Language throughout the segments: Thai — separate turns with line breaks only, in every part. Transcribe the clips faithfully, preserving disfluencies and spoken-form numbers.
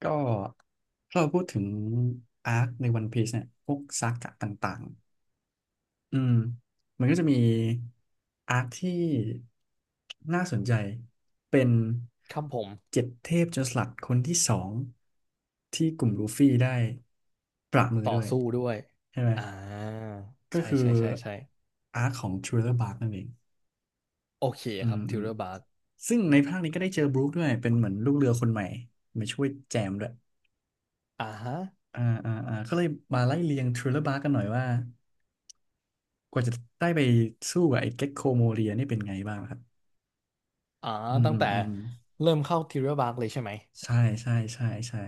ก็ถ้าเราพูดถึงอาร์คในวันพีซเนี่ยพวกซากะต่างๆอืมมันก็จะมีอาร์คที่น่าสนใจเป็น
ครับผม
เจ็ดเทพโจรสลัดคนที่สองที่กลุ่มลูฟี่ได้ประมือ
ต่อ
ด้วย
สู้ด้วย
ใช่ไหม
อ่า
ก็
ใช่
คือ
ใช่ใช่ใช่
อาร์คของทรูเลอร์บาร์กนั่นเอง
โอเค
อื
ครั
ม
บ
อื
ทิว
ม
เ e อร์บาร์ก
ซึ่งในภาคนี้ก็ได้เจอบรูคด้วยเป็นเหมือนลูกเรือคนใหม่มาช่วยแจมด้วย
อ่าฮะ
อ่าอ่าอ่าก็เลยมาไล่เรียงทริลเลอร์บาร์กันหน่อยว่ากว่าจะได้ไปสู้กับไอ้เก็กโคโมเรียนี่เป็นไงบ้างครับ
อ่า
อื
ตั้
ม
งแต่
อืม
เริ่มเข้าทิวเ e อร์บาร์กเลยใช่ไหม
ใช่ใช่ใช่ใช่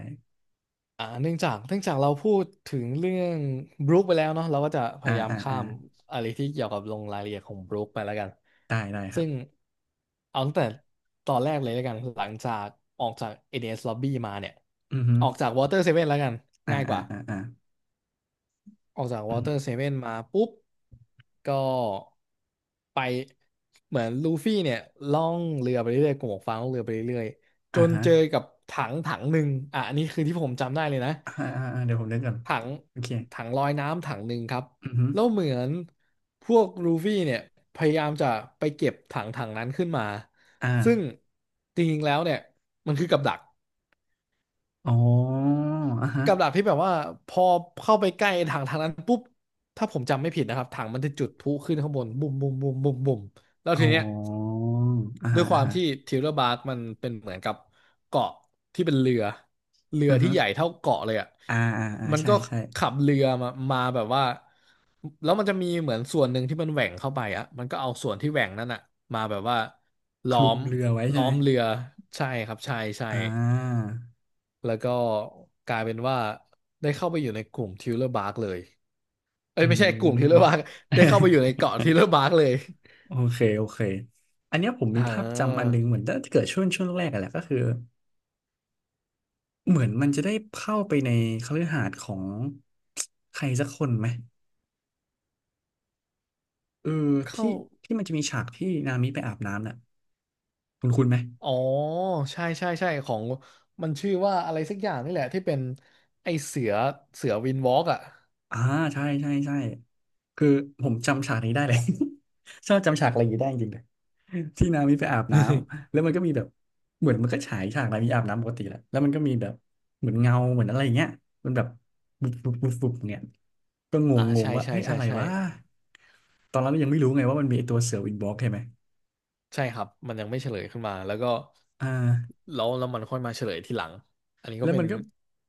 อ่าเนื่องจากเนื่องจากเราพูดถึงเรื่องบรูคไปแล้วเนาะเราก็จะพ
อ่า
ยายาม
อ่า
ข้า
อ่า
มอะไรที่เกี่ยวกับลงรายละเอียดของบรูคไปแล้วกัน
ได้ได้ครั
ซึ่
บ
งเอาตั้งแต่ตอนแรกเลยแล้วกันหลังจากออกจาก เอ ดี เอส Lobby มาเนี่ย
อือฮึ
ออกจาก Water Seven แล้วกัน
อ่า
ง่ายก
อ่า
ว่า
อ่าอ่า
ออกจากว
อื
อ
อ
เตอ
ฮึ
ร์เซเว่นมาปุ๊บก็ไปเหมือนลูฟี่เนี่ยล่องเรือไปเรื่อยๆกลุ่มหมวกฟางล่องเรือไปเรื่อยๆจ
อ่า
น
ฮะ
เจอกับถังถังหนึ่งอ่ะอันนี้คือที่ผมจำได้เลยนะ
อ่าอ่าอ่าเดี๋ยวผมเล่นกก่อน
ถัง
โอเค
ถังลอยน้ำถังหนึ่งครับ
อือฮึ
แล้วเหมือนพวกลูฟี่เนี่ยพยายามจะไปเก็บถังถังนั้นขึ้นมา
อ่
ซึ่ง
า
จริงๆแล้วเนี่ยมันคือกับดัก
อ๋ออ่าฮะ
กับดักที่แบบว่าพอเข้าไปใกล้ถังทางนั้นปุ๊บถ้าผมจำไม่ผิดนะครับถังมันจะจุดพลุขึ้นข้างบนบุ่มบุ่มบุ่มบุ่มบุ่มแล้ว
อ๋
ทีเนี้ย
ออ่า
ด้ว
ฮะ
ยค
อ่า
วาม
ฮะ
ที่ทิวเลอร์บาร์กมันเป็นเหมือนกับเกาะที่เป็นเรือเรือ
อือ
ที่
ฮึ
ใหญ่เท่าเกาะเลยอ่ะ
อ่าอ่าอ่า
มัน
ใช่
ก็
ใช่
ขับเรือมามาแบบว่าแล้วมันจะมีเหมือนส่วนหนึ่งที่มันแหว่งเข้าไปอ่ะมันก็เอาส่วนที่แหว่งนั่นอ่ะมาแบบว่า
ค
ล้อ
ลุม
ม
เรือไว้ใช่
ล้อ
ไหม
มเรือใช่ครับใช่ใช่
อ่า
แล้วก็กลายเป็นว่าได้เข้าไปอยู่ในกลุ่มทิวเลอร์บาร์กเลยเอ้ย
อื
ไม่ใช่กลุ่ม
ม
ทิวเลอร์บาร์กได้เข้าไปอยู่ ในเกาะทิวเลอร์บาร์กเลย
โอเคโอเค อันเนี้ยผม
อ่
มีภาพจำอัน
า
นึงเหมือนน่าจะเกิดช่วงช่วงแรกๆอะแหละก็คือเหมือนมันจะได้เข้าไปในคฤหาสน์ของใครสักคนไหมเออ
เข้า
ที่ที่มันจะมีฉากที่นามิไปอาบน้ำน่ะคุณคุณไหม
อ๋อใช่ใช่ใช่ของมันชื่อว่าอะไรสักอย่างนี่แหละที่เป็นไอเสือเสือวินวอล์กอ่ะ
อ่าใช่ใช่ใช่คือผมจำฉากนี้ได้เลย ชอบจำฉากอะไรอย่างนี้ได้จริงๆเลยที่นามิไปอาบน้ำแล้ วมันก็มีแบบเหมือนมันก็ฉายฉากนามิอาบน้ำปกติแหละแล้วมันก็มีแบบเหมือนเงาเหมือนอะไรอย่างเงี้ยมันแบบบุบบุบบุบบุบอย่างเงี้ยก็งง
อ่า
งง
ใช่
ว่า
ใช่
เฮ้ย
ใช่
อะไร
ใช่
วะตอนนั้นยังไม่รู้ไงว่ามันมีไอ้ตัวเสือวินบ็อกใช่ไหม
ใช่ครับมันยังไม่เฉลยขึ้นมาแล้วก็
อ่า
แล้วแล้วมันค่อยมาเฉลยทีหลังอันนี้ก็
แล้ว
เป็
มั
น
นก็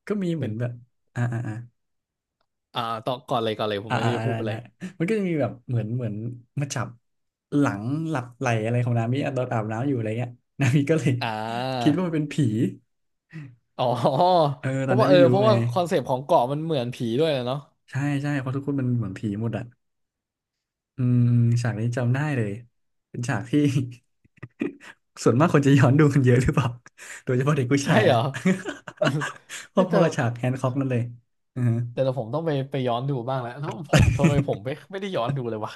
ก็มีเหมื
เป็
อ
น
นแบบอ่าอ่า
อ่าต่อก่อนเลยก่อนเลยผม
อ่า
ไม่
อ่า
ได้พู
ได้
ดอะไร
ได้มันก็จะมีแบบเหมือนเหมือนมาจับหลังหลับไหลอะไรของนามิอ่ะตอนอาบน้ำอยู่อะไรเงี้ย นามิก็เลย
อ่
คิด
า
ว่ามันเป็นผี
อ๋อ
เออ
เพ
ตอน
ราะ
นั้
ว่า
น
เออ
ไม่รู้
เพราะ
ไง
ว่าคอนเซปต์ของเกาะมันเหมือนผีด้วยนะเนาะ
ใช่ใช่เพราะทุกคนมันเหมือนผีหมดอ่ะอืมฉากนี้จำได้เลยเป็นฉากที่ ส่วนมากคนจะย้อนดูกันเยอะหรือเปล่าโดยเฉพาะเด็กผู้
ใช่
ชาย
เหร
นะ
อ
พ
ไม่
อ
แต่
ๆกับฉากแฮนค็อกนั่นเลยอือฮะ
แต่เดี๋ยวผมต้องไปไปย้อนดูบ้างแล้วแล้วผมทำไมผมไม่ไม่ได้ย้อนดูเลยวะ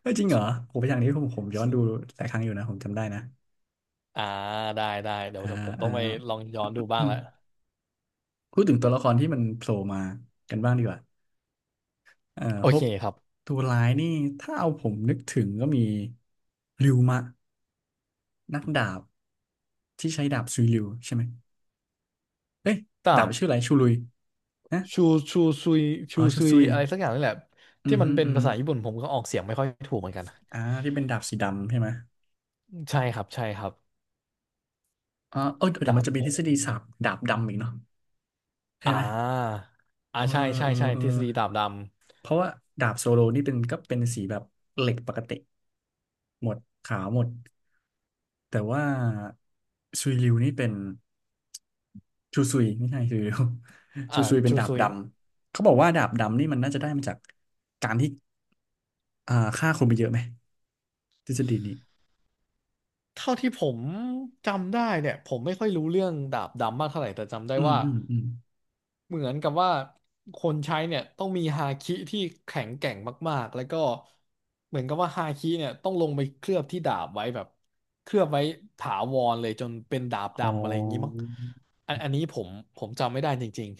เออจริงเหรอผมไปฉากนี้ผมผมย้อนดู หลายครั้งอยู่นะผมจำได้นะ
อ่าได้ได้เดี๋ยว
อ่า
เดี๋ยวผมต้
อ่า
องไปลองย้อนดูบ้างแล้ว
พูดถึงตัวละครที่มันโผล่มากันบ้างดีกว่าเอ่อ
โอ
พว
เค
ก
ครับ
ตัวร้ายนี่ถ้าเอาผมนึกถึงก็มีริวมะนักดาบที่ใช้ดาบซุยริวใช่ไหมเอ้ย
แต่
ดาบชื่ออะไรชูลุยนะ
ชูชูซุย
อ๋
ชู
อชู
ซุย
ซุย
อะไรสักอย่างนี่แหละ
อื
ที่
อ
มั
ฮึ
นเป็น
อือฮึ
ภาษาญี่ปุ่นผมก็ออกเสียงไม่ค่อยถูกเหมือนกัน
อ่าที่เป็นดาบสีดำใช่ไหม
ใช่ครับใช่ครับ
อ๋อเออเดี๋ยว
ดา
มัน
บ
จะมี
โอ
ทฤษฎีสาบดาบดำอีกเนาะใช่
อ่
ไหม
าอ่า
เอ
ใช่
อ
ใช่
เอ
ใช่
อเอ
ท
อ
ฤษฎีดาบด
เพราะว่าดาบโซโลนี่เป็นก็เป็นสีแบบเหล็กปกติหมดขาวหมด แต่ว่าซุยริวนี่เป็นชูซุยไม่ใช่ซุยริว
ำ อ่า
ชูซุย เป็น
ชู
ดาบ
ซุ
ด
ย
ำเขาบอกว่าดาบดำนี่มันน่าจะได้มาจากการที่อ่าฆ่าคนไปเยอะไหมทฤษฎีนี้
เท่าที่ผมจำได้เนี่ยผมไม่ค่อยรู้เรื่องดาบดำมากเท่าไหร่แต่จำได้
อืม
ว่า
อืมอืม
เหมือนกับว่าคนใช้เนี่ยต้องมีฮาคิที่แข็งแกร่งมากๆแล้วก็เหมือนกับว่าฮาคิเนี่ยต้องลงไปเคลือบที่ดาบไว้แบบเคลือบไว้ถาวรเลยจนเป็นดาบ
อ๋
ดำอะไรอย่างนี้มั้ง
อ
อันอันนี้ผมผมจำไม่ได้จริง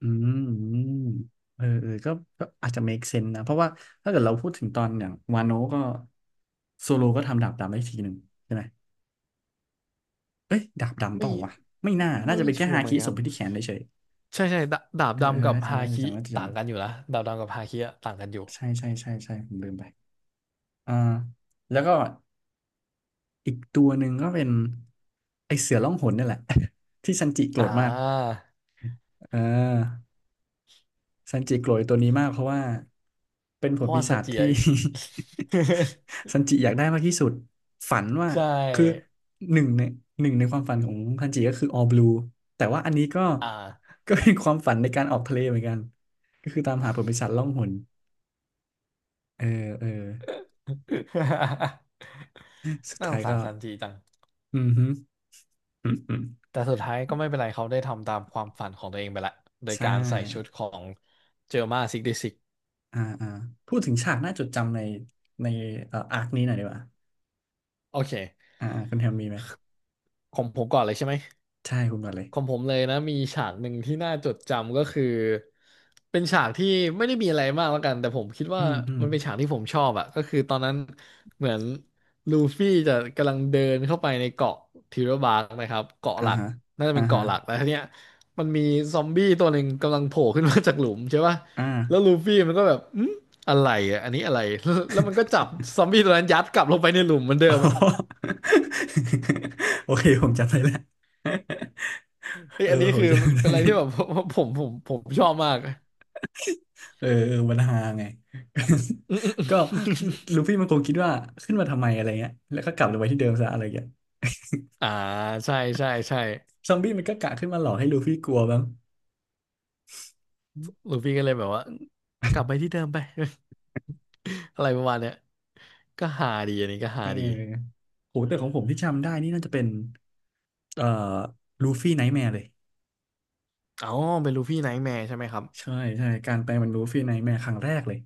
อืมอืมเออเออก็ก็อาจจะ make sense นะเพราะว่าถ้าเกิดเราพูดถึงตอนอย่างวานโนก็โซโลก็ทำดาบดำได้ทีหนึ่งใช่ไหมเอ้ยดาบ
ๆ
ดำเป
ไม่
ล่าวะไม่น่าน่า
ไม่
จะ
ไม่
เป็นแค่
ชัวร์
ฮา
เหมือ
คิ
นกันค
ส่
รั
ง
บ
ไปที่แขนเฉย
ใช่ใช่ดาดา
ๆ
บ
เออเออ
ดำกับ
น่าจะ
ฮา
ยังน่า
คิ
จะยังน่าจะยั
ต่า
ง
งกันอยู่นะดาบดำกับฮาคิอะต่างกันอยู่
ใช่ใช่ใช่ใช่ผมลืมไปอ่าแล้วก็อีกตัวหนึ่งก็เป็นไอเสือล่องหนนี่แหละ ที่ซันจิโกร
อ่
ธมาก
า
เออซันจิโกรธตัวนี้มากเพราะว่าเป็นผ
เพ
ล
ราะ
ปี
ว่าซั
ศา
น
จ
จิอะ
ที่ ซันจิอยากได้มากที่สุดฝันว่า
ใช
คือ
่
หนึ่งในหนึ่งในความฝันของซันจิก็คือ All Blue แต่ว่าอันนี้ก็
อ่า
ก็เป็นความฝันในการออกทะเลเหมือนกันก็คือตามหาผลปีศาจล่องหนเออเออสุ ด
น่าส
ท้าย
งสา
ก็
รซันจิจัง
อือฮึ
แต่สุดท้ายก็ไม่เป็นไรเขาได้ทำตามความฝันของตัวเองไปละโดย
ใช่
การใส่ชุดของเจอร์มาซิกดิซิก
อ่าอ่าพูดถึงฉากน่าจดจำในในเอ่ออาร์คนี้หน่อยดีกว่า
โอเค
อ่าอ่าคุณแฮมมีไหม
ของผมก่อนเลยใช่ไหม
ใช่คุณก่อนเลย
ของผมเลยนะมีฉากหนึ่งที่น่าจดจำก็คือเป็นฉากที่ไม่ได้มีอะไรมากแล้วกันแต่ผมคิด
อื
ว่า
ม อืม
มันเป็นฉากที่ผมชอบอะก็คือตอนนั้นเหมือนลูฟี่จะกำลังเดินเข้าไปในเกาะทิรบาร์กนะครับเกาะ
อ่า
หลัก
ฮะ
น่าจะ
อ่า
เป็น
ฮะ
เกาะหลักแล้วทีเนี้ยมันมีซอมบี้ตัวหนึ่งกำลังโผล่ขึ้นมาจากหลุมใช่ป่ะ
อ่า
แล้วลูฟี่มันก็แบบอืมอะไรอะอันนี้อะไรแล้ว แล้วมันก็จับซอมบี้ตัวนั้นยัดกลับลงไปในหลุมเหมือน เดิ
อ๋อ
มอะ
โอเค ผมจำได้แล้ว
เอ้ย
เออ
อันนี้
ผม
คือ
จำ
เป็น
ได้
อะไรที่แบบ ผมผมผมผมชอบมาก
เออเออมันฮาไง
อืมอม
ก็
อืม
ลูฟี่มันคงคิดว่าขึ้นมาทำไมอะไรเงี้ยแล้วก็กลับลงไปที่เดิมซะอะไรเงี้ย
อ่าใช่ใช่ใช่
ซอมบี้มันก็กะขึ้นมาหลอกให้ลูฟี่กลัวบ้าง
ลูฟี่ก็เลยแบบว่ากลับไปที่เดิมไป อะไรประมาณเนี้ยก็หาดีอันนี้ก็
เ
หาดี
ออโหแต่ของผมที่จำได้นี่น่าจะเป็นเอ่อลูฟี่ไนท์แมร์เลย
อ๋อเป็นลูฟี่ไนท์แมร์ใช่ไหมครับ
ใช่ใช่การแปลเป็นลูฟี่ไนท์แมร์ครั้งแรกเลย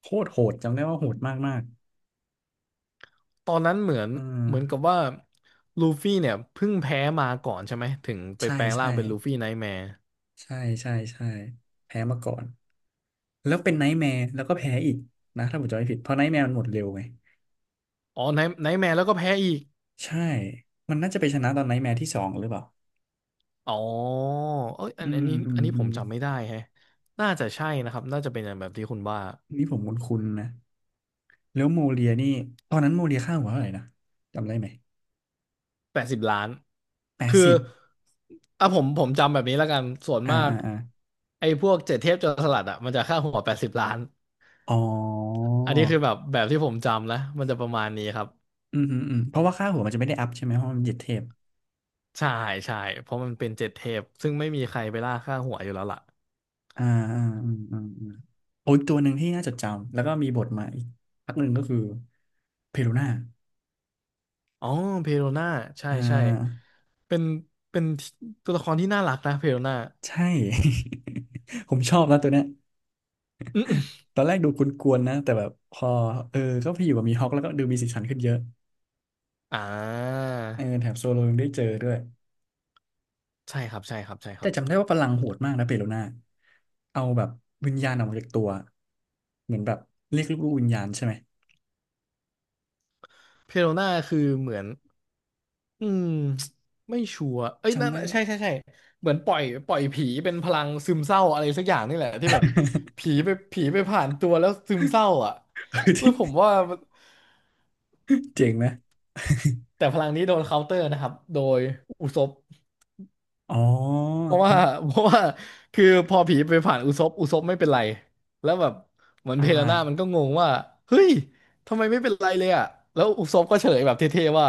โคตรโหดจำได้ว่าโหดมากมาก
ตอนนั้นเหมือน
เออ
เหมือนกับว่าลูฟี่เนี่ยเพิ่งแพ้มาก่อนใช่ไหมถึงไป
ใช่
แปลงร่า
ใช่
งเป็นลูฟี่ไนท์แมร์
ใช่ใช่ใช่แพ้มาก่อนแล้วเป็นไนท์แมร์แล้วก็แพ้อีกนะถ้าผมจำไม่ผิดเพราะไนท์แมร์มันหมดเร็วไง
อ๋อไนท์ไนท์แมร์แล้วก็แพ้อีก
ใช่มันน่าจะไปชนะตอนไนท์แมร์ที่สองหรือเปล่า
อ๋อเอ้ยอั
อื
นอัน
ม
นี้
อื
อั
ม
นนี้
อื
ผม
ม
จำไม่ได้แฮะน่าจะใช่นะครับน่าจะเป็นอย่างแบบที่คุณว่า
นี่ผมคุ้นๆนะแล้วโมเลียนี่ตอนนั้นโมเลียค่าหัวเท่าไหร่นะจำได้ไหม
แปดสิบล้าน
แปด
คือ
สิบ
อ่ะผมผมจำแบบนี้แล้วกันส่วน
อ่า
มาก
อ่าอ่า
ไอ้พวกเจ็ดเทพโจรสลัดอ่ะมันจะค่าหัวแปดสิบล้าน
อ๋อ
อันนี้คือแบบแบบที่ผมจำนะมันจะประมาณนี้ครับ
อืมอืมอืมเพราะว่าค่าหัวมันจะไม่ได้อัพใช่ไหมเพราะมันเหยียดเทป
ใช่ใช่เพราะมันเป็นเจ็ดเทพซึ่งไม่มีใครไปล่าค่าหัวอยู่แล้วล่ะ
อ่าอ่าอืมอืมอืมโอ้ยตัวหนึ่งที่น่าจดจำแล้วก็มีบทมาอีกพักหนึ่งก็คือเพโรน่า
อ๋อเพโรน่าใช่
อ่
ใช่
า
เป็นเป็นตัวละครที่น่ารักนะเพโรน่า
ใช่ ผมชอบนะตัวเนี้ย
อืม
ตอนแรกดูกวนๆนะแต่แบบพอเออก็ไปอยู่กับมีฮอคแล้วก็ดูมีสีสันขึ้นเยอะ
ๆอ่า
เออแถมโซโลยังได้เจอด้วย
ใช่ครับใช่ครับใช่ค
แต่
รับ
จำได้ว่าพลังโหดมากนะเปโรน่าเอาแบบวิญญาณออกมาจากตัวเหมือนแบบเรียกลูกๆวิญญาณใช่ไหม
เพโรน่าคือเหมือน อืมไม่ชัวร์เอ้ยนั่
จำ
น
ได้
ใช่
ว่า
ใช่ใช่เหมือนปล่อยปล่อยผีเป็นพลังซึมเศร้าอะไรสักอย่างนี่แหละที่แบบผีไปผีไปผ่านตัวแล้วซึมเศร้าอ่ะเวยผมว่า
เจ๋งไหม
แต่พลังนี้โดนเคาน์เตอร์นะครับโดยอุซบ
อ๋อ
เพราะ
เออ
ว่า เพราะว่าคือพอผีไปผ่านอุซบอุซบไม่เป็นไรแล้วแบบเหมือน
อ่า
เพลาน่ามันก็งงว่าเฮ้ยทำไมไม่เป็นไรเลยอ่ะแล้วอุซบก็เฉลยแบบเท่ๆว่า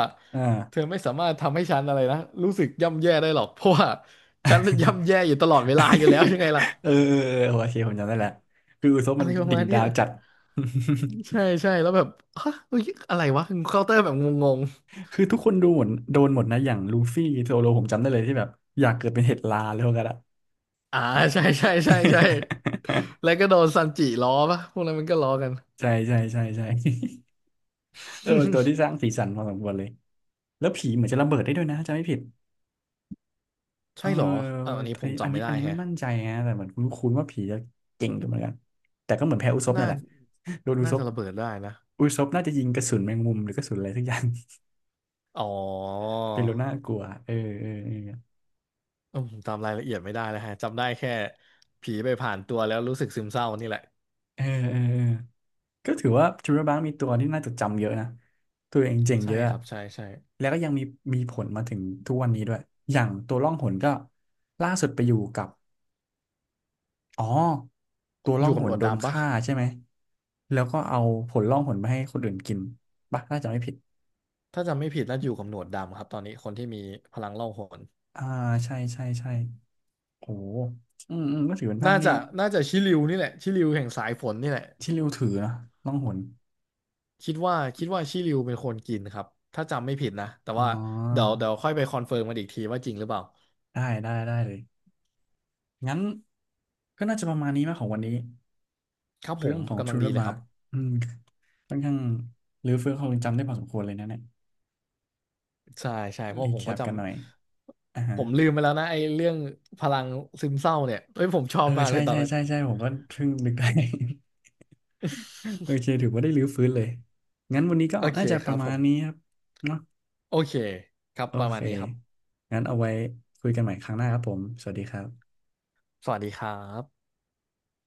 เธอ
อ่า
ไม่สามารถทำให้ฉันอะไรนะรู้สึกย่ำแย่ได้หรอกเพราะว่าฉันย่ำแย่อยู่ตลอดเวลาอยู่แล้วยังไงล่ะ
เออเออเออโอเคผมจำได้แล้วคืออุซบ
อะ
มัน
ไรประ
ดิ่
มา
ง
ณเนี้
ดา
ย
วจัด
ใช่ใช่แล้วแบบฮะเฮ้ยอะไรวะเคาน์เตอร์แบบงง
คือทุกคนดูหมดโดนหมดนะอย่างลูฟี่โซโลผมจำได้เลยที่แบบอยากเกิดเป็นเห็ดลาเลยพวกกั้นอะ
ๆอ่าใช่ใช่ใช่ใช่แล้ว ก็โดนซันจิล้อปะพวกนั้นมันก็ล้อกัน
ใช่ใช่ใช่ใช่เออเป็นตัวที่สร้างสีสันพอสมควรเลยแล้วผีเหมือนจะระเบิดได้ด้วยนะจำไม่ผิด เอ
ใช่
อ
เหรออ่ะอันนี้ผ
ไอ
ม
อัน
จำ
นี้
ไม่
อั
ได้
นนี้ไม่
แฮะ
มั่นใจนะแต่เหมือนคุ้นคุ้นว่าผีจะเก่งอยู่เหมือนกันแต่ก็เหมือนแพ้อุซบนั่น
น่า
แหละโดนอุ
น่า
ซบ
จะระเบิดได้นะ
อุซบน่าจะยิงกระสุนแมงมุมหรือกระสุนอะไรสักอย่าง
อ๋อ
เป็นโลน่ากลัวเออเออเออ
เอืมผมจำรายละเอียดไม่ได้เลยฮะจำได้แค่ผีไปผ่านตัวแล้วรู้สึกซึมเศร้านี่แหละ
เออเออเออก็ถือว่าทริเบอร์บังมีตัวที่น่าจดจำเยอะนะตัวเองเจ๋ง
ใช่
เยอะ
ค
อะ
รับ ใช่ใช่
แล้วก็ยังมีมีผลมาถึงทุกวันนี้ด้วยอย่างตัวล่องหนก็ล่าสุดไปอยู่กับ อ๋อตัว
อ
ล่อ
ยู่
ง
กั
ห
บหน
น
วด
โดน
ดำปะ
ฆ่าใช่ไหมแล้วก็เอาผลล่องหนมาให้คนอื่นกินปะน่าจะไม่ผิด
ถ้าจำไม่ผิดน่าจะอยู่กับหนวดดำครับตอนนี้คนที่มีพลังล่องหน
อ่าใช่ใช่ใช่โอ้โหอืมอืมก็ถือเป็นภา
น่า
คนี่
จะน่าจะชิริวนี่แหละชิริวแห่งสายฝนนี่แหละ
ที่ริวถือนะล่องหน
คิดว่าคิดว่าชิริวเป็นคนกินครับถ้าจำไม่ผิดนะแต่
อ๋
ว่าเดี๋ยว
อ
เดี๋ยวค่อยไปคอนเฟิร์มกันอีกทีว่าจริงหรือเปล่า
ได้ได้ได้เลยงั้นก็น่าจะประมาณนี้มากของวันนี้
ครับผ
เรื่อ
ม
งของ
กำลังดี
Thriller
เลยครั
Bark
บ
อืมค่อนข้างรื้อฟื้นความทรงจำได้พอสมควรเลยนะเนี่ย
ใช่ใช่เพ
รี
ราะผม
แค
ก็
ป
จ
กันหน่อยอ่า
ำผ
ฮะ
มลืมไปแล้วนะไอ้เรื่องพลังซึมเศร้าเนี่ยเอ้ยผมชอ
เอ
บ
อ
มากเล
ใช่
ยตอน
ใช่
นั้น
ใช่ใช่ผมก็เพิ่งนึก ได้ โอเคถือว่าได้รื้อฟื้นเลย งั้นวันนี้ก็
โอเค
น่าจะ
ค
ป
รั
ระ
บ
มา
ผ
ณ
ม
นี้ครับเนาะ
โอเคครับ
โอ
ประมา
เค
ณนี้ครับ
งั้นเอาไว้คุยกันใหม่ครั้งหน้าครับผม สวัสดีครับ
สวัสดีครับ